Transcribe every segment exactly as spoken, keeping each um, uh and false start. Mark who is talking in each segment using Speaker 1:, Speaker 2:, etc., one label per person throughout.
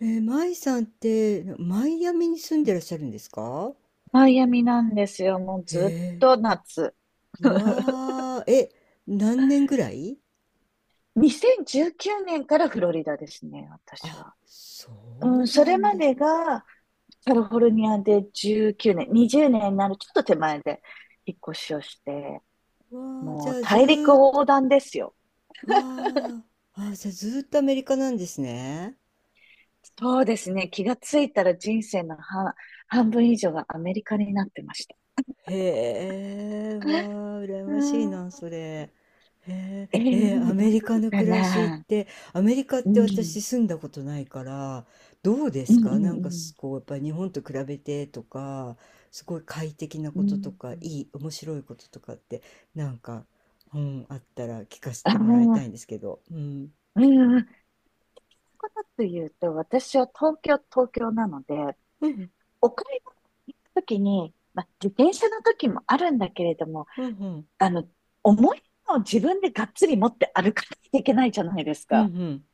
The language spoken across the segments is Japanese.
Speaker 1: えー、マイさんって、マイアミに住んでらっしゃるんですか？
Speaker 2: マイアミなんですよ。もう
Speaker 1: へ
Speaker 2: ずっ
Speaker 1: え。
Speaker 2: と夏。
Speaker 1: うわー。え、何年ぐらい？
Speaker 2: にせんじゅうきゅうねんからフロリダですね、私
Speaker 1: あ、
Speaker 2: は。
Speaker 1: そ
Speaker 2: う
Speaker 1: う
Speaker 2: ん、そ
Speaker 1: な
Speaker 2: れ
Speaker 1: ん
Speaker 2: ま
Speaker 1: です。
Speaker 2: でがカリフォルニアでじゅうきゅうねん、にじゅうねんになるちょっと手前で引っ越しをして、
Speaker 1: わー。じ
Speaker 2: も
Speaker 1: ゃ
Speaker 2: う
Speaker 1: あず
Speaker 2: 大陸
Speaker 1: ーっと、
Speaker 2: 横断ですよ。
Speaker 1: わー、あ、じゃあずーっとアメリカなんですね。
Speaker 2: そうですね、気がついたら人生の半、半分以上がアメリカになってました。
Speaker 1: へえ。わあ、羨
Speaker 2: う
Speaker 1: ましい
Speaker 2: ん、
Speaker 1: な、それ。へ
Speaker 2: え
Speaker 1: え。えーア
Speaker 2: ー、ど
Speaker 1: メリカ
Speaker 2: う
Speaker 1: の
Speaker 2: か
Speaker 1: 暮らしっ
Speaker 2: な。
Speaker 1: て、アメリカっ
Speaker 2: う
Speaker 1: て
Speaker 2: ん、
Speaker 1: 私住んだことないから、どうで
Speaker 2: うん、
Speaker 1: す
Speaker 2: うん、
Speaker 1: か？なん
Speaker 2: う
Speaker 1: か
Speaker 2: ん。
Speaker 1: すこう、やっぱり日本と比べてとか、すごい快適な
Speaker 2: う
Speaker 1: ことと
Speaker 2: ん。
Speaker 1: か、いい、面白いこととかって、なんか、うん、あったら聞かせ
Speaker 2: あ
Speaker 1: てもらいたい
Speaker 2: あ、
Speaker 1: んですけど。うん。
Speaker 2: うん、うん。ことと言うと、私は東京、東京なので、
Speaker 1: うん、
Speaker 2: お買い物に行くときに、まあ、自転車の時もあるんだけれども、
Speaker 1: うん、うん、
Speaker 2: あの、重いのを自分でがっつり持って歩かなきゃいけないじゃないです
Speaker 1: うん、う
Speaker 2: か。
Speaker 1: ん。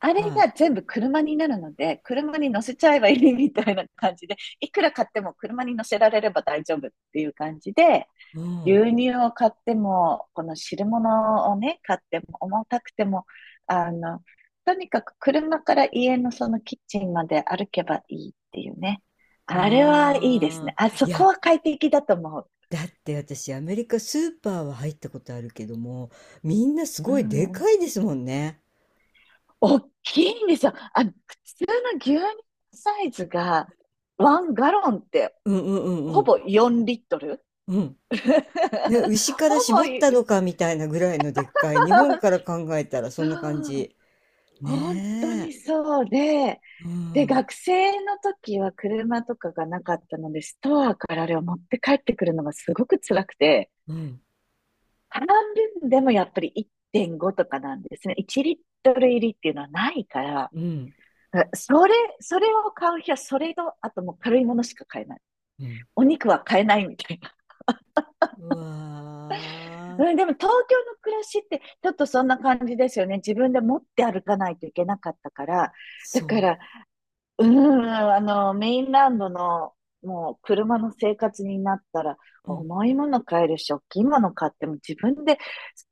Speaker 2: あれ
Speaker 1: はい。
Speaker 2: が全部車になるので、車に乗せちゃえばいいみたいな感じで、いくら買っても車に乗せられれば大丈夫っていう感じで、
Speaker 1: うん。
Speaker 2: 牛乳を買っても、この汁物をね、買っても、重たくても、あの、とにかく車から家のそのキッチンまで歩けばいいっていうね。あれはいいです
Speaker 1: あ
Speaker 2: ね。
Speaker 1: あ。
Speaker 2: あ
Speaker 1: い
Speaker 2: そこ
Speaker 1: や、
Speaker 2: は快適だと思う。
Speaker 1: だって私アメリカスーパーは入ったことあるけども、みんなす
Speaker 2: う
Speaker 1: ごいでか
Speaker 2: ん。
Speaker 1: いですもんね。
Speaker 2: 大きいんですよ。あの、普通の牛乳サイズが、ワンガロンって
Speaker 1: うんうんうんう
Speaker 2: ほ
Speaker 1: ん
Speaker 2: ぼよんリットル
Speaker 1: うん。ね、牛から
Speaker 2: ほ
Speaker 1: 絞
Speaker 2: ぼ
Speaker 1: っ
Speaker 2: い、
Speaker 1: たのかみたいなぐらいのでっかい。日本 から考えたらそ
Speaker 2: そ
Speaker 1: んな感
Speaker 2: う。
Speaker 1: じ。
Speaker 2: 本当
Speaker 1: ね
Speaker 2: に
Speaker 1: え。
Speaker 2: そうで、
Speaker 1: う
Speaker 2: で、
Speaker 1: ん
Speaker 2: 学生の時は車とかがなかったので、ストアからあれを持って帰ってくるのがすごく辛くて、
Speaker 1: うん
Speaker 2: 半分でもやっぱりいってんごとかなんですね。いちリットル入りっていうのはないから、
Speaker 1: うん
Speaker 2: それ、それを買う日はそれと、あともう軽いものしか買えない。
Speaker 1: うん。
Speaker 2: お肉は買えないみたいな。
Speaker 1: う わ
Speaker 2: うん、
Speaker 1: ー。
Speaker 2: でも東京の暮らしってちょっとそんな感じですよね。自分で持って歩かないといけなかったから。だか
Speaker 1: そ
Speaker 2: らうーん、あの、メインランドの、もう、車の生活になったら、
Speaker 1: う。うん。
Speaker 2: 重いもの買えるし、大きいもの買っても自分で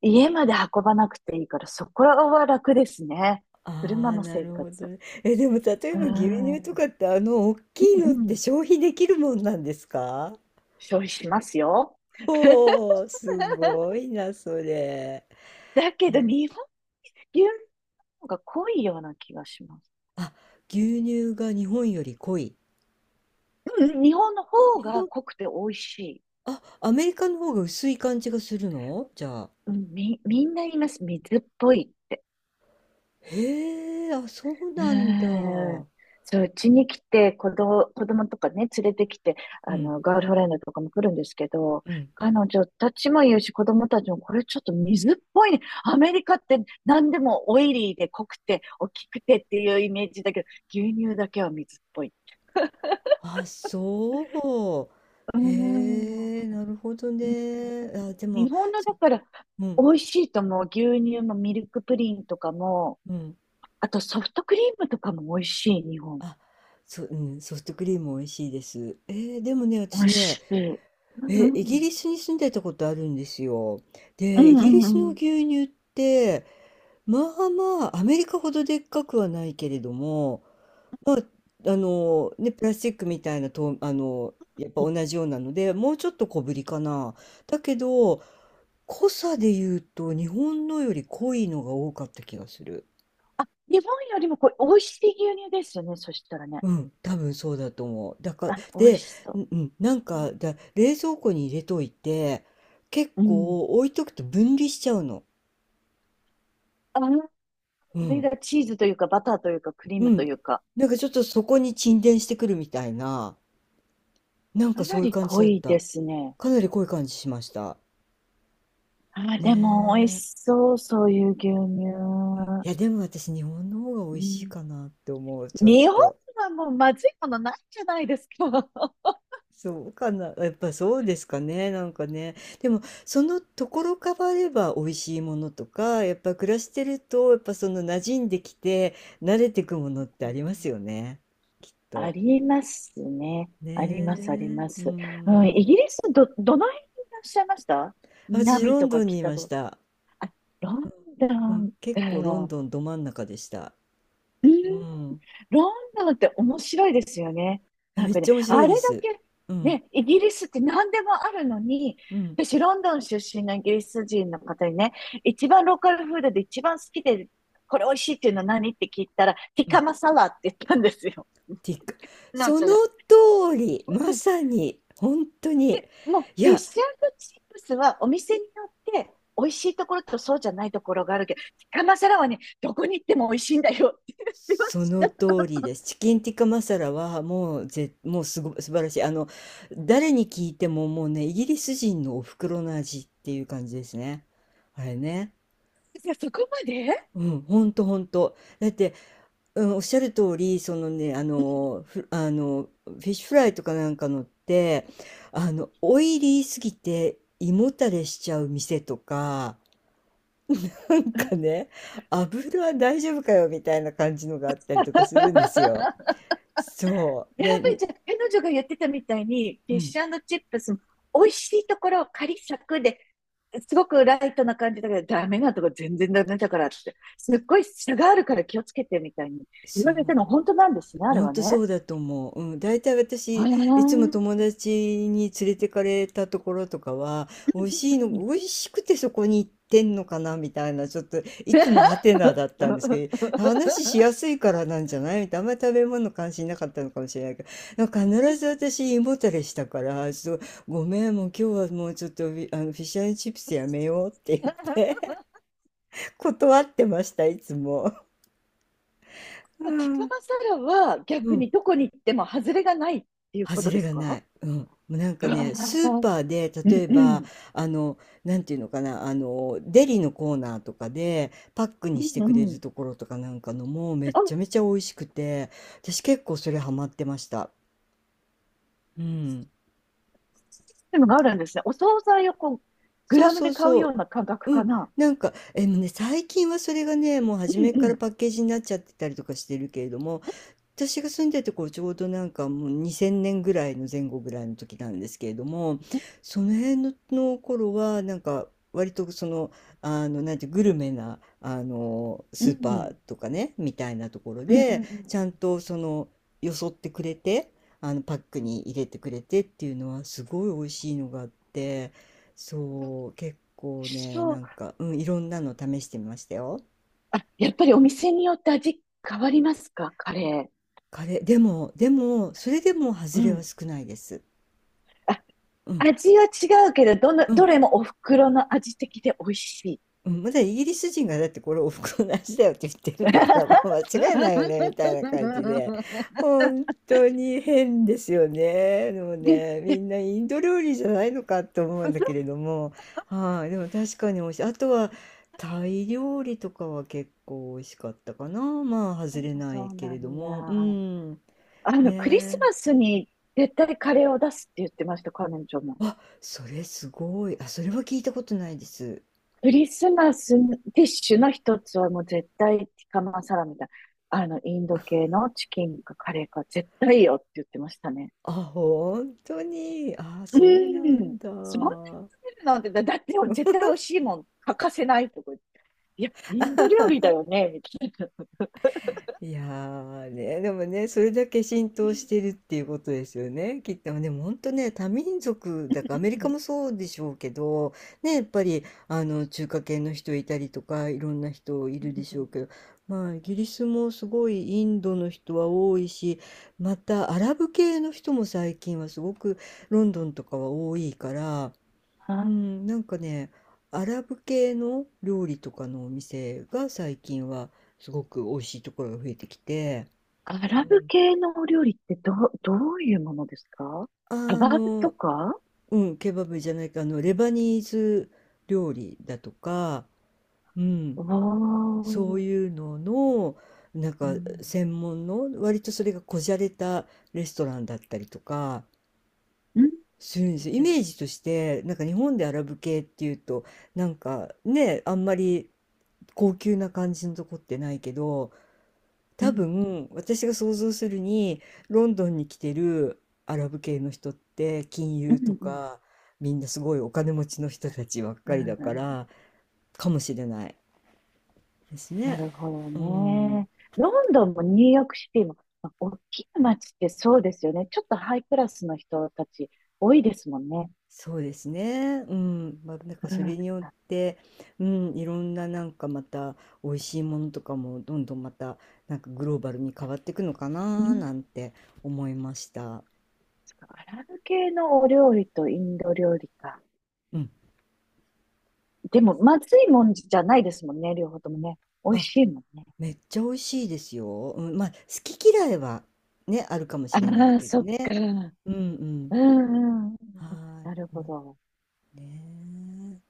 Speaker 2: 家まで運ばなくていいから、そこは楽ですね。
Speaker 1: あ
Speaker 2: 車
Speaker 1: あ、
Speaker 2: の
Speaker 1: な
Speaker 2: 生
Speaker 1: るほど
Speaker 2: 活。
Speaker 1: ね。え、でも例え
Speaker 2: うー
Speaker 1: ば牛
Speaker 2: ん、う
Speaker 1: 乳と
Speaker 2: ん
Speaker 1: かってあの大きい
Speaker 2: う
Speaker 1: のって
Speaker 2: ん、
Speaker 1: 消費できるもんなんですか？
Speaker 2: 消費しますよ。
Speaker 1: おー、すごいな、それ。
Speaker 2: だけど、日本、牛乳の方が濃いような気がします。
Speaker 1: あ、牛乳が日本より濃い。
Speaker 2: うん、日本の方
Speaker 1: 日
Speaker 2: が
Speaker 1: 本、
Speaker 2: 濃くて美味しい。
Speaker 1: あ、アメリカの方が薄い感じがするのじゃあ。
Speaker 2: うん、み、みんな言います。水っぽいって。
Speaker 1: へえ、あ、そう
Speaker 2: う
Speaker 1: なんだ。
Speaker 2: ーん。
Speaker 1: う
Speaker 2: そう、うちに来て、子供、子供とかね、連れてきて、あ
Speaker 1: ん、
Speaker 2: の、ガールフレンドとかも来るんですけど、
Speaker 1: うん。
Speaker 2: 彼女たちも言うし、子供たちも、これちょっと水っぽいね。アメリカって何でもオイリーで濃くて、大きくてっていうイメージだけど、牛乳だけは水っぽい。
Speaker 1: あ、そ
Speaker 2: うー
Speaker 1: う。へえ、
Speaker 2: ん。
Speaker 1: なるほどね。あ、でも、
Speaker 2: 日本の
Speaker 1: そ、
Speaker 2: だから、
Speaker 1: う
Speaker 2: 美
Speaker 1: ん、
Speaker 2: 味しいと思う。牛乳もミルクプリンとかも、
Speaker 1: うん。
Speaker 2: あとソフトクリームとかも美味しい、日本。
Speaker 1: あ、そ、うん、ソフトクリーム美味しいです。えー、でもね、
Speaker 2: 美
Speaker 1: 私
Speaker 2: 味
Speaker 1: ね、
Speaker 2: しい。うんう
Speaker 1: え、イギ
Speaker 2: ん
Speaker 1: リスに住んでたことあるんですよ。
Speaker 2: う
Speaker 1: で、イ
Speaker 2: ん
Speaker 1: ギリ
Speaker 2: う
Speaker 1: ス
Speaker 2: んう
Speaker 1: の
Speaker 2: ん。
Speaker 1: 牛乳って、まあまあ、アメリカほどでっかくはないけれども、まあ、あの、ね、プラスチックみたいなと、あの、やっぱ同じようなので、もうちょっと小ぶりかな。だけど、濃さで言うと、日本のより濃いのが多かった気がする。
Speaker 2: 日本よりもこう、美味しい牛乳ですよね。そしたらね。
Speaker 1: うん、多分そうだと思う。だから、
Speaker 2: あ、美味
Speaker 1: で、
Speaker 2: しそ
Speaker 1: う
Speaker 2: う。
Speaker 1: んうん、なんか、だ、冷蔵庫に入れといて、結
Speaker 2: うん。
Speaker 1: 構置いとくと分離しちゃうの。
Speaker 2: あの
Speaker 1: う
Speaker 2: 上
Speaker 1: ん。
Speaker 2: がチーズというか、バターというか、クリー
Speaker 1: う
Speaker 2: ムと
Speaker 1: ん。
Speaker 2: いうか、
Speaker 1: なんかちょっとそこに沈殿してくるみたいな、なんか
Speaker 2: かな
Speaker 1: そういう
Speaker 2: り
Speaker 1: 感じ
Speaker 2: 濃
Speaker 1: だっ
Speaker 2: いで
Speaker 1: た。
Speaker 2: すね。
Speaker 1: かなり濃い感じしました。
Speaker 2: あ、
Speaker 1: ね
Speaker 2: でも美味
Speaker 1: え。
Speaker 2: しそう、そういう牛乳。
Speaker 1: いや、でも私、日本の方が
Speaker 2: う
Speaker 1: 美味しい
Speaker 2: ん、
Speaker 1: かなって思う、ちょっ
Speaker 2: 日本
Speaker 1: と。
Speaker 2: はもうまずいものないじゃないですか。
Speaker 1: そうかな。やっぱそうですかね。なんかね。でも、そのところ変われば美味しいものとか、やっぱ暮らしてると、やっぱその馴染んできて、慣れてくものって
Speaker 2: う
Speaker 1: ありますよ
Speaker 2: ん。
Speaker 1: ね。きっ
Speaker 2: あ
Speaker 1: と。
Speaker 2: りますね。
Speaker 1: ね
Speaker 2: あります、あり
Speaker 1: え。
Speaker 2: ま
Speaker 1: う
Speaker 2: す。うん、
Speaker 1: ん。
Speaker 2: イギリスど、どの辺にいらっしゃいました？
Speaker 1: 私、
Speaker 2: 南
Speaker 1: ロン
Speaker 2: と
Speaker 1: ド
Speaker 2: か
Speaker 1: ンにい
Speaker 2: 北
Speaker 1: まし
Speaker 2: と？
Speaker 1: た。
Speaker 2: あ、ロンド
Speaker 1: うん、
Speaker 2: ン
Speaker 1: 結構ロン
Speaker 2: か。
Speaker 1: ドンど真ん中でした。
Speaker 2: うん、
Speaker 1: うん。
Speaker 2: ロンドンって面白いですよね。な
Speaker 1: め
Speaker 2: ん
Speaker 1: っ
Speaker 2: かね、
Speaker 1: ちゃ面白
Speaker 2: あ
Speaker 1: い
Speaker 2: れだ
Speaker 1: です。
Speaker 2: け、
Speaker 1: うん、
Speaker 2: ね、イギリスって何でもあるのに、
Speaker 1: うん、
Speaker 2: 私、ロンドン出身のイギリス人の方にね、一番ローカルフードで一番好きで、これ美味しいっていうのは何？って聞いたら、ティ
Speaker 1: う
Speaker 2: カ
Speaker 1: ん。
Speaker 2: マサラって言ったんですよ。
Speaker 1: ティック。
Speaker 2: なお
Speaker 1: そ
Speaker 2: ちゃ
Speaker 1: の
Speaker 2: んが。
Speaker 1: 通り、まさに、本当に。
Speaker 2: もう、
Speaker 1: い
Speaker 2: フィッ
Speaker 1: や、
Speaker 2: シュチップスはお店によって美味しいところとそうじゃないところがあるけど、ティカマサラはね、どこに行っても美味しいんだよって言ってま
Speaker 1: そ
Speaker 2: し
Speaker 1: の
Speaker 2: た。
Speaker 1: 通りです。チキンティッカマサラはもうぜ、もうすご、素晴らしい。あの、誰に聞いてももうね、イギリス人のお袋の味っていう感じですね。あれね。
Speaker 2: いや、そこまで や
Speaker 1: うん、ほんとほんと。だって、うん、おっしゃる通り、そのね、あの、ふあの、フィッシュフライとかなんかのって、あの、オイリーすぎて胃もたれしちゃう店とか、なんかね、油は大丈夫かよみたいな感じのがあったりとかするんですよ。そう。で、
Speaker 2: っぱり
Speaker 1: に
Speaker 2: じゃあ、彼女が言ってたみたいに、フ
Speaker 1: う
Speaker 2: ィッ
Speaker 1: ん、
Speaker 2: シュチップスも美味しいところ、カリサクで、すごくライトな感じだけど、ダメなとこ全然ダメだからって、すっごい差があるから気をつけてみたいに言
Speaker 1: そ
Speaker 2: われた
Speaker 1: う。
Speaker 2: の本当なんですね、あれ
Speaker 1: ほん
Speaker 2: は
Speaker 1: とそ
Speaker 2: ね。
Speaker 1: うだと思う。うん、大体
Speaker 2: あ
Speaker 1: 私、いつも友
Speaker 2: あ。
Speaker 1: 達に連れてかれたところとかは、美味しいの、美味しくてそこに行ってんのかなみたいな、ちょっと、いつもハテナだったんですけど、話しやすいからなんじゃないみたいな、あんまり食べ物関心なかったのかもしれないけど、なんか必ず私、胃もたれしたから、ちょっと、ごめん、もう今日はもうちょっとフィ、あの、フィッシュチップスやめようって言って 断ってました、いつも。う
Speaker 2: ティカ
Speaker 1: ん。
Speaker 2: マサラは
Speaker 1: う
Speaker 2: 逆
Speaker 1: ん、
Speaker 2: にどこに行っても外れがないっていうこ
Speaker 1: 外
Speaker 2: とで
Speaker 1: れ
Speaker 2: す
Speaker 1: がな
Speaker 2: か？
Speaker 1: い。うん。もうなんかね、ス ー
Speaker 2: うん
Speaker 1: パーで、
Speaker 2: う
Speaker 1: 例えば、
Speaker 2: ん
Speaker 1: あの、なんていうのかな、あの、デリのコーナーとかで、パック
Speaker 2: う
Speaker 1: にしてくれ
Speaker 2: んう
Speaker 1: る
Speaker 2: ん。
Speaker 1: ところとかなんかのも、めっ
Speaker 2: あ、
Speaker 1: ちゃめちゃ美味しくて、私結構それハマってました。うん。
Speaker 2: でもあるんですね。お惣菜をこう、グ
Speaker 1: そう
Speaker 2: ラム
Speaker 1: そ
Speaker 2: で
Speaker 1: う
Speaker 2: 買うよ
Speaker 1: そ
Speaker 2: うな感覚
Speaker 1: う。う
Speaker 2: か
Speaker 1: ん。
Speaker 2: な。
Speaker 1: なんか、え、もうね、最近はそれがね、もう初
Speaker 2: う
Speaker 1: めから
Speaker 2: ん
Speaker 1: パッケージになっちゃってたりとかしてるけれども、私が住んでて、こちょうどなんかもうにせんねんぐらいの前後ぐらいの時なんですけれども、その辺の、の頃はなんか割とその、あのなんてグルメなあの
Speaker 2: うん。
Speaker 1: スーパ
Speaker 2: う
Speaker 1: ー
Speaker 2: ん。
Speaker 1: とかねみたいなところ
Speaker 2: うんうんう
Speaker 1: で
Speaker 2: んう
Speaker 1: ちゃん
Speaker 2: ん。
Speaker 1: とそのよそってくれて、あのパックに入れてくれてっていうのはすごい美味しいのがあって、そう結構ね、
Speaker 2: そ
Speaker 1: な
Speaker 2: う。
Speaker 1: んか、うん、いろんなの試してみましたよ。
Speaker 2: あ、やっぱりお店によって味変わりますか？カレー。
Speaker 1: カレーでも、でもそれでも
Speaker 2: う
Speaker 1: 外れは
Speaker 2: ん。
Speaker 1: 少ないです。
Speaker 2: あ、
Speaker 1: うん、
Speaker 2: 味は違うけど、どの、
Speaker 1: う
Speaker 2: ど
Speaker 1: ん、
Speaker 2: れもお袋の味的で美味しい。
Speaker 1: うん、まだイギリス人がだって、これおふくろの味だよって言ってるんだから、もう間 違いないよねみたいな感じで。本当に変ですよね、でも
Speaker 2: で、
Speaker 1: ね。み
Speaker 2: で、
Speaker 1: んなインド料理じゃないのかと思うんだけれども。はい、でも確かに美味しい。あとはタイ料理とかは結構美味しかったかな。まあ
Speaker 2: う
Speaker 1: 外
Speaker 2: ん
Speaker 1: れ
Speaker 2: も
Speaker 1: な
Speaker 2: そ
Speaker 1: い
Speaker 2: う
Speaker 1: け
Speaker 2: な
Speaker 1: れど
Speaker 2: ん
Speaker 1: も。う
Speaker 2: だ。
Speaker 1: ん、ね
Speaker 2: あの、クリス
Speaker 1: え。
Speaker 2: マスに絶対カレーを出すって言ってました、彼女も。
Speaker 1: あ、それすごい。あ、それは聞いたことないです。
Speaker 2: クリスマスディッシュの一つはもう絶対ティカマサラみたいな。あの、インド系のチキンかカレーか絶対いいよって言ってましたね。
Speaker 1: あ、本当に。あ、
Speaker 2: う
Speaker 1: そうなん
Speaker 2: ん。
Speaker 1: だ。
Speaker 2: そんなに食べるなんて、だだって絶対美味しいもん欠かせないとか言って。いや、インド料理だよね、みたいな。
Speaker 1: いやーね、でもね、それだけ浸
Speaker 2: う
Speaker 1: 透し
Speaker 2: ん
Speaker 1: てるっていうことですよね。きっと、でも本当ね、多民族だから、アメリ
Speaker 2: う
Speaker 1: カ
Speaker 2: ん
Speaker 1: もそうでしょうけど、ね、やっぱり、あの、中華系の人いたりとか、いろんな人い
Speaker 2: う
Speaker 1: るで
Speaker 2: んう
Speaker 1: しょう
Speaker 2: ん。
Speaker 1: けど、まあ、イギリスもすごいインドの人は多いし、また、アラブ系の人も最近はすごくロンドンとかは多いから、う
Speaker 2: あ、
Speaker 1: ん、なんかね、アラブ系の料理とかのお店が最近はすごく美味しいところが増えてきて、
Speaker 2: ア
Speaker 1: う
Speaker 2: ラブ
Speaker 1: ん。
Speaker 2: 系のお料理ってどう、どういうものですか？カ
Speaker 1: あ
Speaker 2: バブと
Speaker 1: の、
Speaker 2: か？
Speaker 1: うん、ケバブじゃないか、あの、レバニーズ料理だとか、うん、
Speaker 2: お
Speaker 1: そう
Speaker 2: ー。
Speaker 1: いうのの、なん
Speaker 2: う
Speaker 1: か
Speaker 2: ん。
Speaker 1: 専門の、割とそれがこじゃれたレストランだったりとか、
Speaker 2: うん。
Speaker 1: するんですよ。イ
Speaker 2: うん。
Speaker 1: メージとして、なんか日本でアラブ系っていうと、なんかね、あんまり高級な感じのとこってないけど、
Speaker 2: う
Speaker 1: 多
Speaker 2: ん。
Speaker 1: 分私が想像するに、ロンドンに来てるアラブ系の人って金
Speaker 2: う
Speaker 1: 融と
Speaker 2: ん。うん。
Speaker 1: か、みんなすごいお金持ちの人たちばっ
Speaker 2: う
Speaker 1: かり
Speaker 2: ん。
Speaker 1: だ
Speaker 2: う
Speaker 1: から、
Speaker 2: ん。
Speaker 1: かもしれないです
Speaker 2: な
Speaker 1: ね。
Speaker 2: るほど
Speaker 1: うん、
Speaker 2: ね。ロンドンもニューヨークシティも、まあ大きな街ってそうですよね。ちょっとハイクラスの人たち多いですもんね。
Speaker 1: そうですね。うん、まあ、なんか
Speaker 2: う
Speaker 1: そ
Speaker 2: ん。
Speaker 1: れによっ
Speaker 2: あ、
Speaker 1: て、うん、いろんな、なんかまた美味しいものとかもどんどんまた、なんかグローバルに変わっていくのか
Speaker 2: う
Speaker 1: な
Speaker 2: ん。
Speaker 1: なんて思いました。
Speaker 2: そっか。アラブ系のお料理とインド料理か。
Speaker 1: うん。
Speaker 2: でも、まずいもんじゃないですもんね。両方ともね。美味
Speaker 1: あ、
Speaker 2: しいもんね。
Speaker 1: めっちゃ美味しいですよ。うん、まあ、好き嫌いはね、あるかも
Speaker 2: あ
Speaker 1: しれない
Speaker 2: あ、
Speaker 1: けど
Speaker 2: そっか。
Speaker 1: ね。
Speaker 2: うん
Speaker 1: うんうん。
Speaker 2: うんうん。
Speaker 1: はー
Speaker 2: なる
Speaker 1: い。
Speaker 2: ほ
Speaker 1: ま
Speaker 2: ど。
Speaker 1: あね。